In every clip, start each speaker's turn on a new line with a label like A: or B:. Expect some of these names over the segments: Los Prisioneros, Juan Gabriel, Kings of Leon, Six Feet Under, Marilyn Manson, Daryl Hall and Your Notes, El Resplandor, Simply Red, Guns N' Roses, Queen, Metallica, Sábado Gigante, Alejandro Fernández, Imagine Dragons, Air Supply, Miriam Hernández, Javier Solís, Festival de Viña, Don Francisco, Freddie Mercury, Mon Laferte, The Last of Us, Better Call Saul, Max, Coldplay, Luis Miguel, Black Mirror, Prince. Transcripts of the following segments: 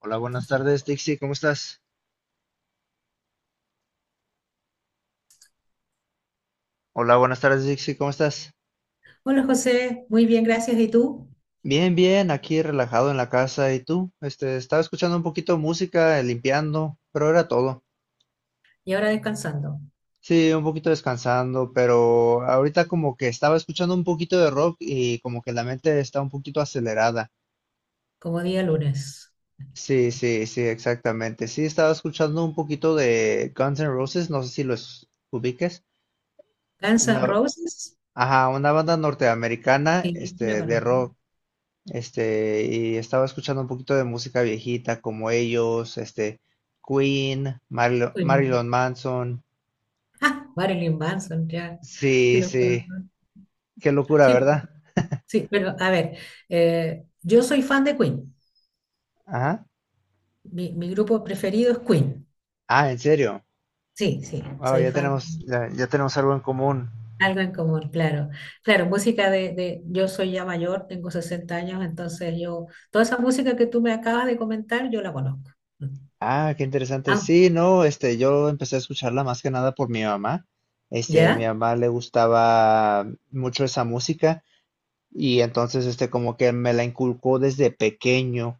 A: Hola, buenas tardes, Dixie, ¿cómo estás? Hola, buenas tardes, Dixie, ¿cómo estás?
B: Hola José, muy bien, gracias. ¿Y tú?
A: Bien, bien, aquí relajado en la casa. ¿Y tú? Estaba escuchando un poquito de música, limpiando, pero era todo.
B: Y ahora descansando,
A: Sí, un poquito descansando, pero ahorita como que estaba escuchando un poquito de rock y como que la mente está un poquito acelerada.
B: como día lunes.
A: Sí, sí, sí, exactamente. Sí, estaba escuchando un poquito de Guns N' Roses, no sé si los ubiques.
B: Guns N'
A: Una,
B: Roses,
A: ajá, una banda norteamericana,
B: sí, sí la
A: de
B: conozco.
A: rock. Y estaba escuchando un poquito de música viejita como ellos, este, Queen,
B: Uy,
A: Marilyn Manson.
B: ah, Marilyn Manson, ya. Sí,
A: Sí,
B: la
A: sí,
B: conozco.
A: qué locura,
B: Sí,
A: ¿verdad?
B: sí, pero a ver, yo soy fan de Queen.
A: Ajá.
B: Mi grupo preferido es Queen.
A: Ah, ¿en serio?
B: Sí, sí,
A: Wow,
B: soy
A: ya
B: fan.
A: tenemos, ya tenemos algo en común.
B: Algo en común, claro. Claro, música yo soy ya mayor, tengo 60 años, entonces yo, toda esa música que tú me acabas de comentar, yo la conozco.
A: Ah, qué interesante.
B: Ah,
A: Sí, no, este, yo empecé a escucharla más que nada por mi mamá. Este, mi
B: ¿ya?
A: mamá le gustaba mucho esa música. Y entonces, este, como que me la inculcó desde pequeño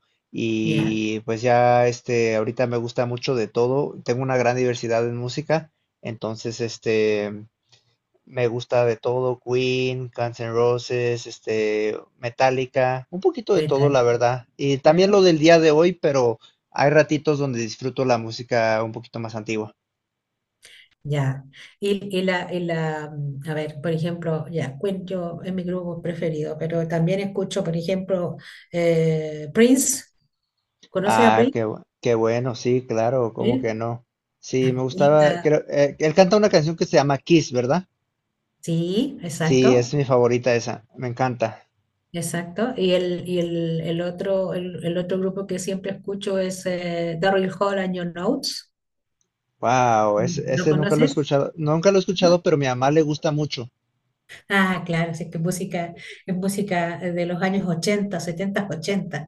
B: ¿Ya?
A: y pues ya, este, ahorita me gusta mucho de todo. Tengo una gran diversidad en música, entonces, este, me gusta de todo: Queen, Guns N' Roses, este, Metallica, un poquito de todo,
B: Metal,
A: la verdad. Y también lo
B: claro.
A: del día de hoy, pero hay ratitos donde disfruto la música un poquito más antigua.
B: Ya. Y la, a ver, por ejemplo, ya, Queen yo es mi grupo preferido, pero también escucho, por ejemplo, Prince. ¿Conoces a
A: Ah,
B: Prince?
A: qué, qué bueno, sí, claro, ¿cómo que
B: Sí.
A: no? Sí, me
B: Y,
A: gustaba,
B: ah,
A: creo, él canta una canción que se llama Kiss, ¿verdad?
B: sí,
A: Sí, es
B: exacto,
A: mi favorita esa, me encanta.
B: exacto. Y el otro grupo que siempre escucho es Daryl Hall and Your Notes.
A: Wow, ese,
B: ¿Lo
A: ese nunca lo he
B: conoces?
A: escuchado, nunca lo he
B: ¿No?
A: escuchado, pero a mi mamá le gusta mucho.
B: Ah, claro, sí, que música, es música de los años 80, 70, 80.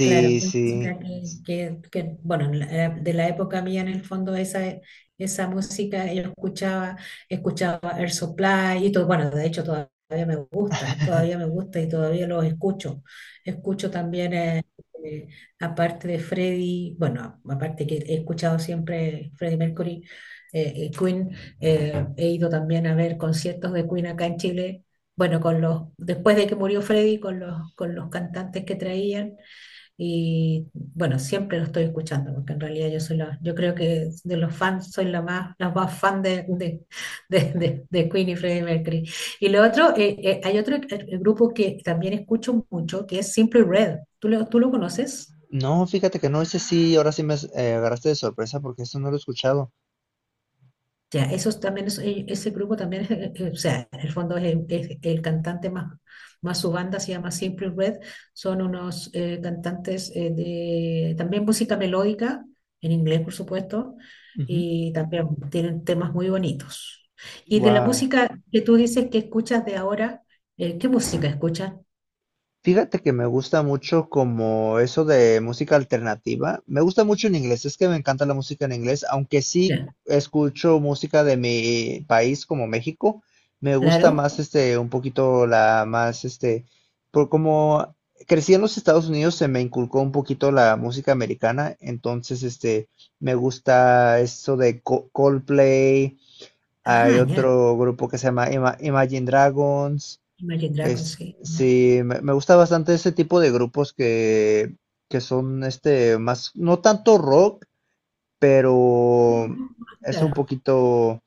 B: Claro, es
A: sí.
B: música que, bueno, de la época mía en el fondo esa, esa música yo escuchaba Air Supply y todo, bueno, de hecho todavía me gusta y todavía los escucho. Escucho también, eh, aparte de Freddie, bueno, aparte que he escuchado siempre Freddie Mercury, Queen, he ido también a ver conciertos de Queen acá en Chile. Bueno, después de que murió Freddy, con los cantantes que traían, y bueno, siempre lo estoy escuchando, porque en realidad yo creo que de los fans soy la más fan de Queen y Freddie Mercury. Y lo otro, hay otro grupo que también escucho mucho, que es Simply Red. ¿Tú lo conoces?
A: No, fíjate que no, ese sí, ahora sí me agarraste de sorpresa porque esto no lo he escuchado.
B: Ya, esos también ese grupo también o sea, en el fondo es el cantante más su banda se llama Simple Red, son unos cantantes de también música melódica, en inglés por supuesto, y también tienen temas muy bonitos. Y de la
A: Wow.
B: música que tú dices que escuchas de ahora, ¿qué música escuchas?
A: Fíjate que me gusta mucho como eso de música alternativa. Me gusta mucho en inglés, es que me encanta la música en inglés, aunque sí
B: Ya,
A: escucho música de mi país como México. Me gusta
B: claro.
A: más este un poquito la más este por como crecí en los Estados Unidos se me inculcó un poquito la música americana, entonces este me gusta eso de Coldplay, hay
B: Ajá, ya.
A: otro grupo que se llama Imagine Dragons.
B: Imagine Dragons,
A: Es,
B: sí. Ya.
A: sí, me gusta bastante ese tipo de grupos que son este más, no tanto rock, pero es un
B: Claro,
A: poquito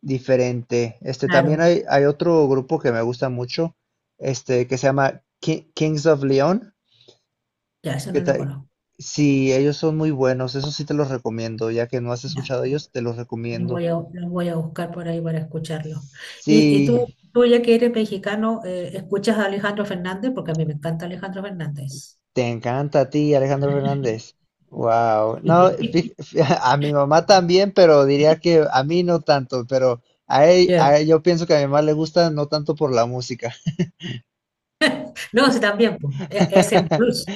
A: diferente. Este también
B: claro.
A: hay otro grupo que me gusta mucho, este, que se llama Kings of Leon,
B: Ya, eso
A: que
B: no lo
A: ta-
B: conozco.
A: sí, ellos son muy buenos, eso sí te los recomiendo, ya que no has escuchado ellos, te los
B: Los
A: recomiendo.
B: voy a, los voy a buscar por ahí para escucharlos. Y
A: Sí.
B: tú, ya que eres mexicano, ¿escuchas a Alejandro Fernández? Porque a mí me encanta Alejandro Fernández.
A: Te encanta a ti, Alejandro Fernández. Wow. No, a mi mamá también, pero diría que a mí no tanto, pero a él,
B: Ya.
A: yo pienso que a mi mamá le gusta no tanto por la música.
B: No, sí, también, pues, ese es un plus.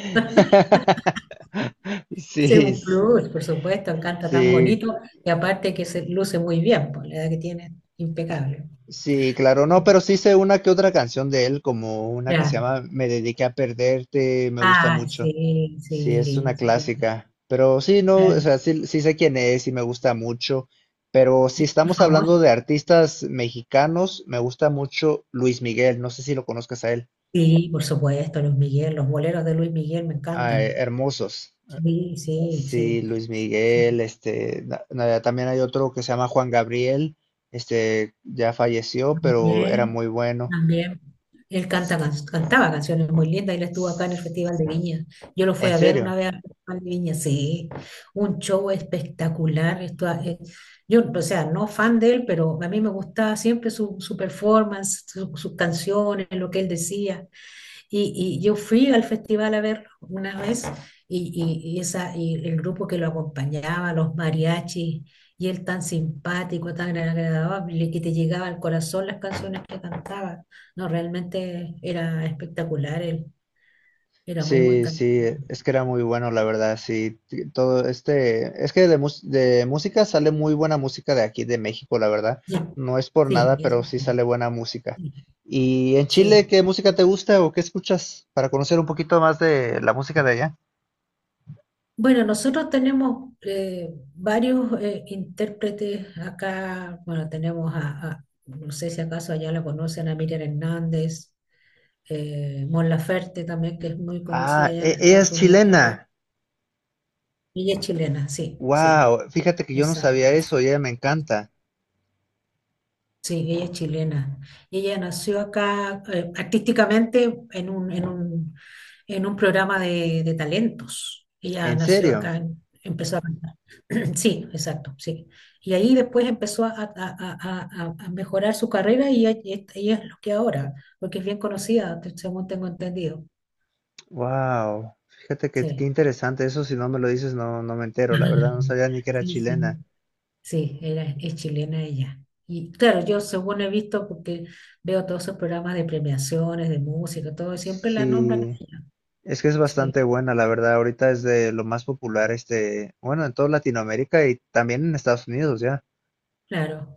B: Ese es
A: Sí,
B: un plus, por supuesto, canta tan
A: sí,
B: bonito y aparte que se luce muy bien, por la edad que tiene, impecable.
A: sí, claro, no, pero sí sé una que otra canción de él, como una que se
B: Ya.
A: llama Me dediqué a perderte, me gusta
B: Ah,
A: mucho.
B: sí,
A: Sí,
B: sí,
A: es
B: lindo.
A: una
B: Súper.
A: clásica. Pero sí, no,
B: Ya.
A: o sea, sí, sí sé quién es y me gusta mucho. Pero si
B: Y
A: estamos
B: famoso,
A: hablando de artistas mexicanos, me gusta mucho Luis Miguel. No sé si lo conozcas a él.
B: sí, por supuesto, Luis Miguel, los boleros de Luis Miguel me
A: Ah,
B: encantan.
A: hermosos.
B: Sí, sí,
A: Sí,
B: sí.
A: Luis
B: Sí.
A: Miguel, este, también hay otro que se llama Juan Gabriel, este, ya falleció, pero era
B: También,
A: muy bueno.
B: también. Él
A: S-
B: canta, cantaba canciones muy lindas. Él estuvo acá en el
A: s-
B: Festival de Viña. Yo lo fui
A: ¿En
B: a ver una
A: serio?
B: vez al Festival de Viña, sí. Un show espectacular. Esto, yo, o sea, no fan de él, pero a mí me gustaba siempre su performance, sus canciones, lo que él decía. Y yo fui al festival a verlo una vez y el grupo que lo acompañaba, los mariachis, y él tan simpático, tan agradable, que te llegaba al corazón las canciones que cantaba. No, realmente era espectacular él, era muy buen
A: Sí, sí,
B: cantante.
A: es que era muy bueno, la verdad, sí, todo este, es que de, mus- de música sale muy buena música de aquí, de México, la verdad,
B: Sí,
A: no es por
B: sí,
A: nada,
B: eso
A: pero sí
B: sí,
A: sale buena música.
B: sí,
A: ¿Y en Chile
B: sí.
A: qué música te gusta o qué escuchas para conocer un poquito más de la música de allá?
B: Bueno, nosotros tenemos varios intérpretes acá, bueno, tenemos no sé si acaso allá la conocen, a Miriam Hernández, Mon Laferte también, que es muy conocida
A: Ah,
B: allá en
A: ella
B: Estados
A: es
B: Unidos
A: chilena,
B: también. Ella es chilena, sí, sí,
A: wow, fíjate que yo no sabía
B: exacto.
A: eso y ella me encanta,
B: Sí, ella es chilena. Ella nació acá artísticamente en un programa de talentos. Ella
A: ¿en
B: nació
A: serio?
B: acá, empezó a cantar. Sí, exacto, sí. Y ahí después empezó a mejorar su carrera y ella es lo que ahora, porque es bien conocida, según tengo entendido.
A: Wow, fíjate que qué
B: Sí.
A: interesante, eso si no me lo dices no, no me entero, la verdad, no sabía ni que era
B: Sí, sí.
A: chilena.
B: Sí, era, es chilena ella. Y claro, yo según he visto, porque veo todos esos programas de premiaciones, de música, todo, y siempre la nombran a
A: Sí,
B: ella.
A: es que es
B: Sí,
A: bastante buena, la verdad. Ahorita es de lo más popular, este, bueno, en toda Latinoamérica y también en Estados Unidos ya.
B: claro.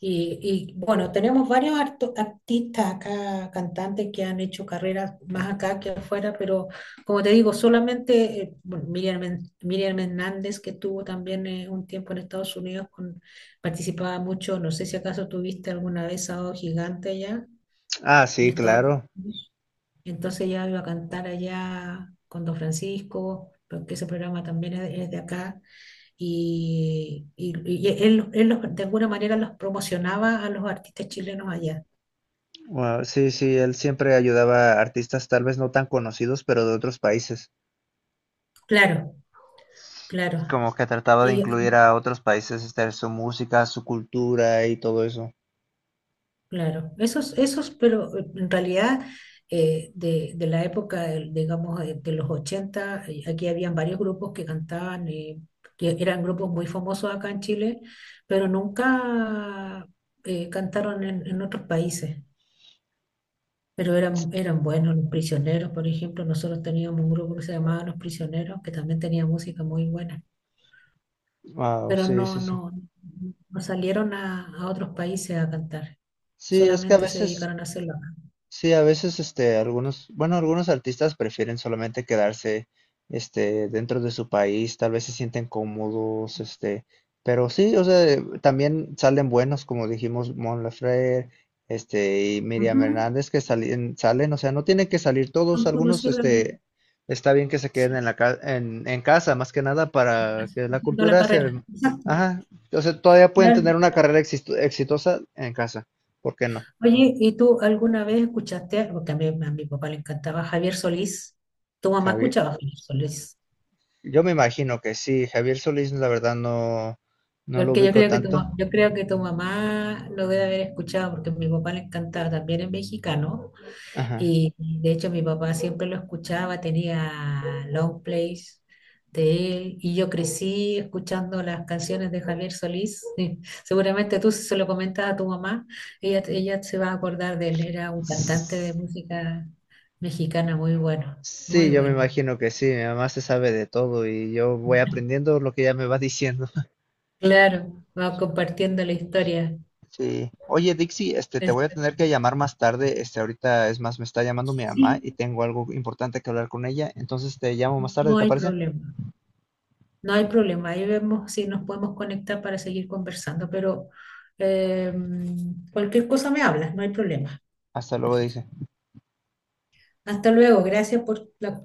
B: Bueno, tenemos varios artistas acá, cantantes que han hecho carreras más acá que afuera, pero como te digo, solamente bueno, Miriam, Miriam Hernández, que estuvo también un tiempo en Estados Unidos, participaba mucho, no sé si acaso tuviste alguna vez Sábado Gigante allá
A: Ah,
B: en
A: sí,
B: Estados
A: claro.
B: Unidos. Entonces ya iba a cantar allá con Don Francisco, porque ese programa también es de acá, y él de alguna manera los promocionaba a los artistas chilenos allá.
A: Wow, sí, sí, él siempre ayudaba a artistas tal vez no tan conocidos, pero de otros países.
B: Claro, claro,
A: Como que trataba de
B: y
A: incluir a otros países, este, su música, su cultura y todo eso.
B: claro, esos, pero en realidad de la época, digamos, de los 80 aquí habían varios grupos que cantaban, que eran grupos muy famosos acá en Chile, pero nunca cantaron en otros países. Pero eran buenos los prisioneros, por ejemplo, nosotros teníamos un grupo que se llamaba Los Prisioneros, que también tenía música muy buena,
A: Wow,
B: pero
A: sí, sí,
B: no,
A: sí.
B: no, no salieron a otros países a cantar,
A: Sí, es que a
B: solamente se
A: veces
B: dedicaron a hacerlo acá.
A: sí, a veces, este, algunos, bueno, algunos artistas prefieren solamente quedarse, este, dentro de su país, tal vez se sienten cómodos, este, pero sí, o sea, también salen buenos, como dijimos, Mon Laferte, este, y Miriam
B: Ujú.
A: Hernández, que salen, salen, o sea, no tienen que salir
B: Son
A: todos, algunos,
B: conocidos,
A: este, está bien que se queden
B: sí,
A: en la en casa, más que nada para que la
B: haciendo la
A: cultura se,
B: carrera. Exacto,
A: ajá, o sea, todavía pueden
B: claro.
A: tener una carrera exitosa en casa, ¿por qué no?
B: Oye, ¿y tú alguna vez escuchaste, algo? Porque a mi papá le encantaba Javier Solís, ¿tu mamá
A: Javier.
B: escuchaba a Javier Solís?
A: Yo me imagino que sí, Javier Solís la verdad no, no lo
B: Porque yo
A: ubico
B: creo que
A: tanto.
B: tu mamá lo debe haber escuchado porque a mi papá le encantaba, también es mexicano.
A: Ajá.
B: Y de hecho mi papá siempre lo escuchaba, tenía long plays de él. Y yo crecí escuchando las canciones de Javier Solís. Seguramente tú si se lo comentas a tu mamá, ella se va a acordar de él. Era un cantante de
A: S-
B: música mexicana muy bueno,
A: sí,
B: muy
A: yo me
B: bueno.
A: imagino que sí, mi mamá se sabe de todo y yo voy aprendiendo lo que ella me va diciendo.
B: Claro, vamos compartiendo la historia.
A: Sí. Oye, Dixie, este, te voy a
B: Este,
A: tener que llamar más tarde. Este, ahorita es más, me está llamando mi mamá y
B: Sí,
A: tengo algo importante que hablar con ella. Entonces te llamo más tarde,
B: no
A: ¿te
B: hay
A: parece?
B: problema. No hay problema, ahí vemos si nos podemos conectar para seguir conversando, pero eh, cualquier cosa me hablas, no hay problema.
A: Hasta luego, dice.
B: Hasta luego, gracias por la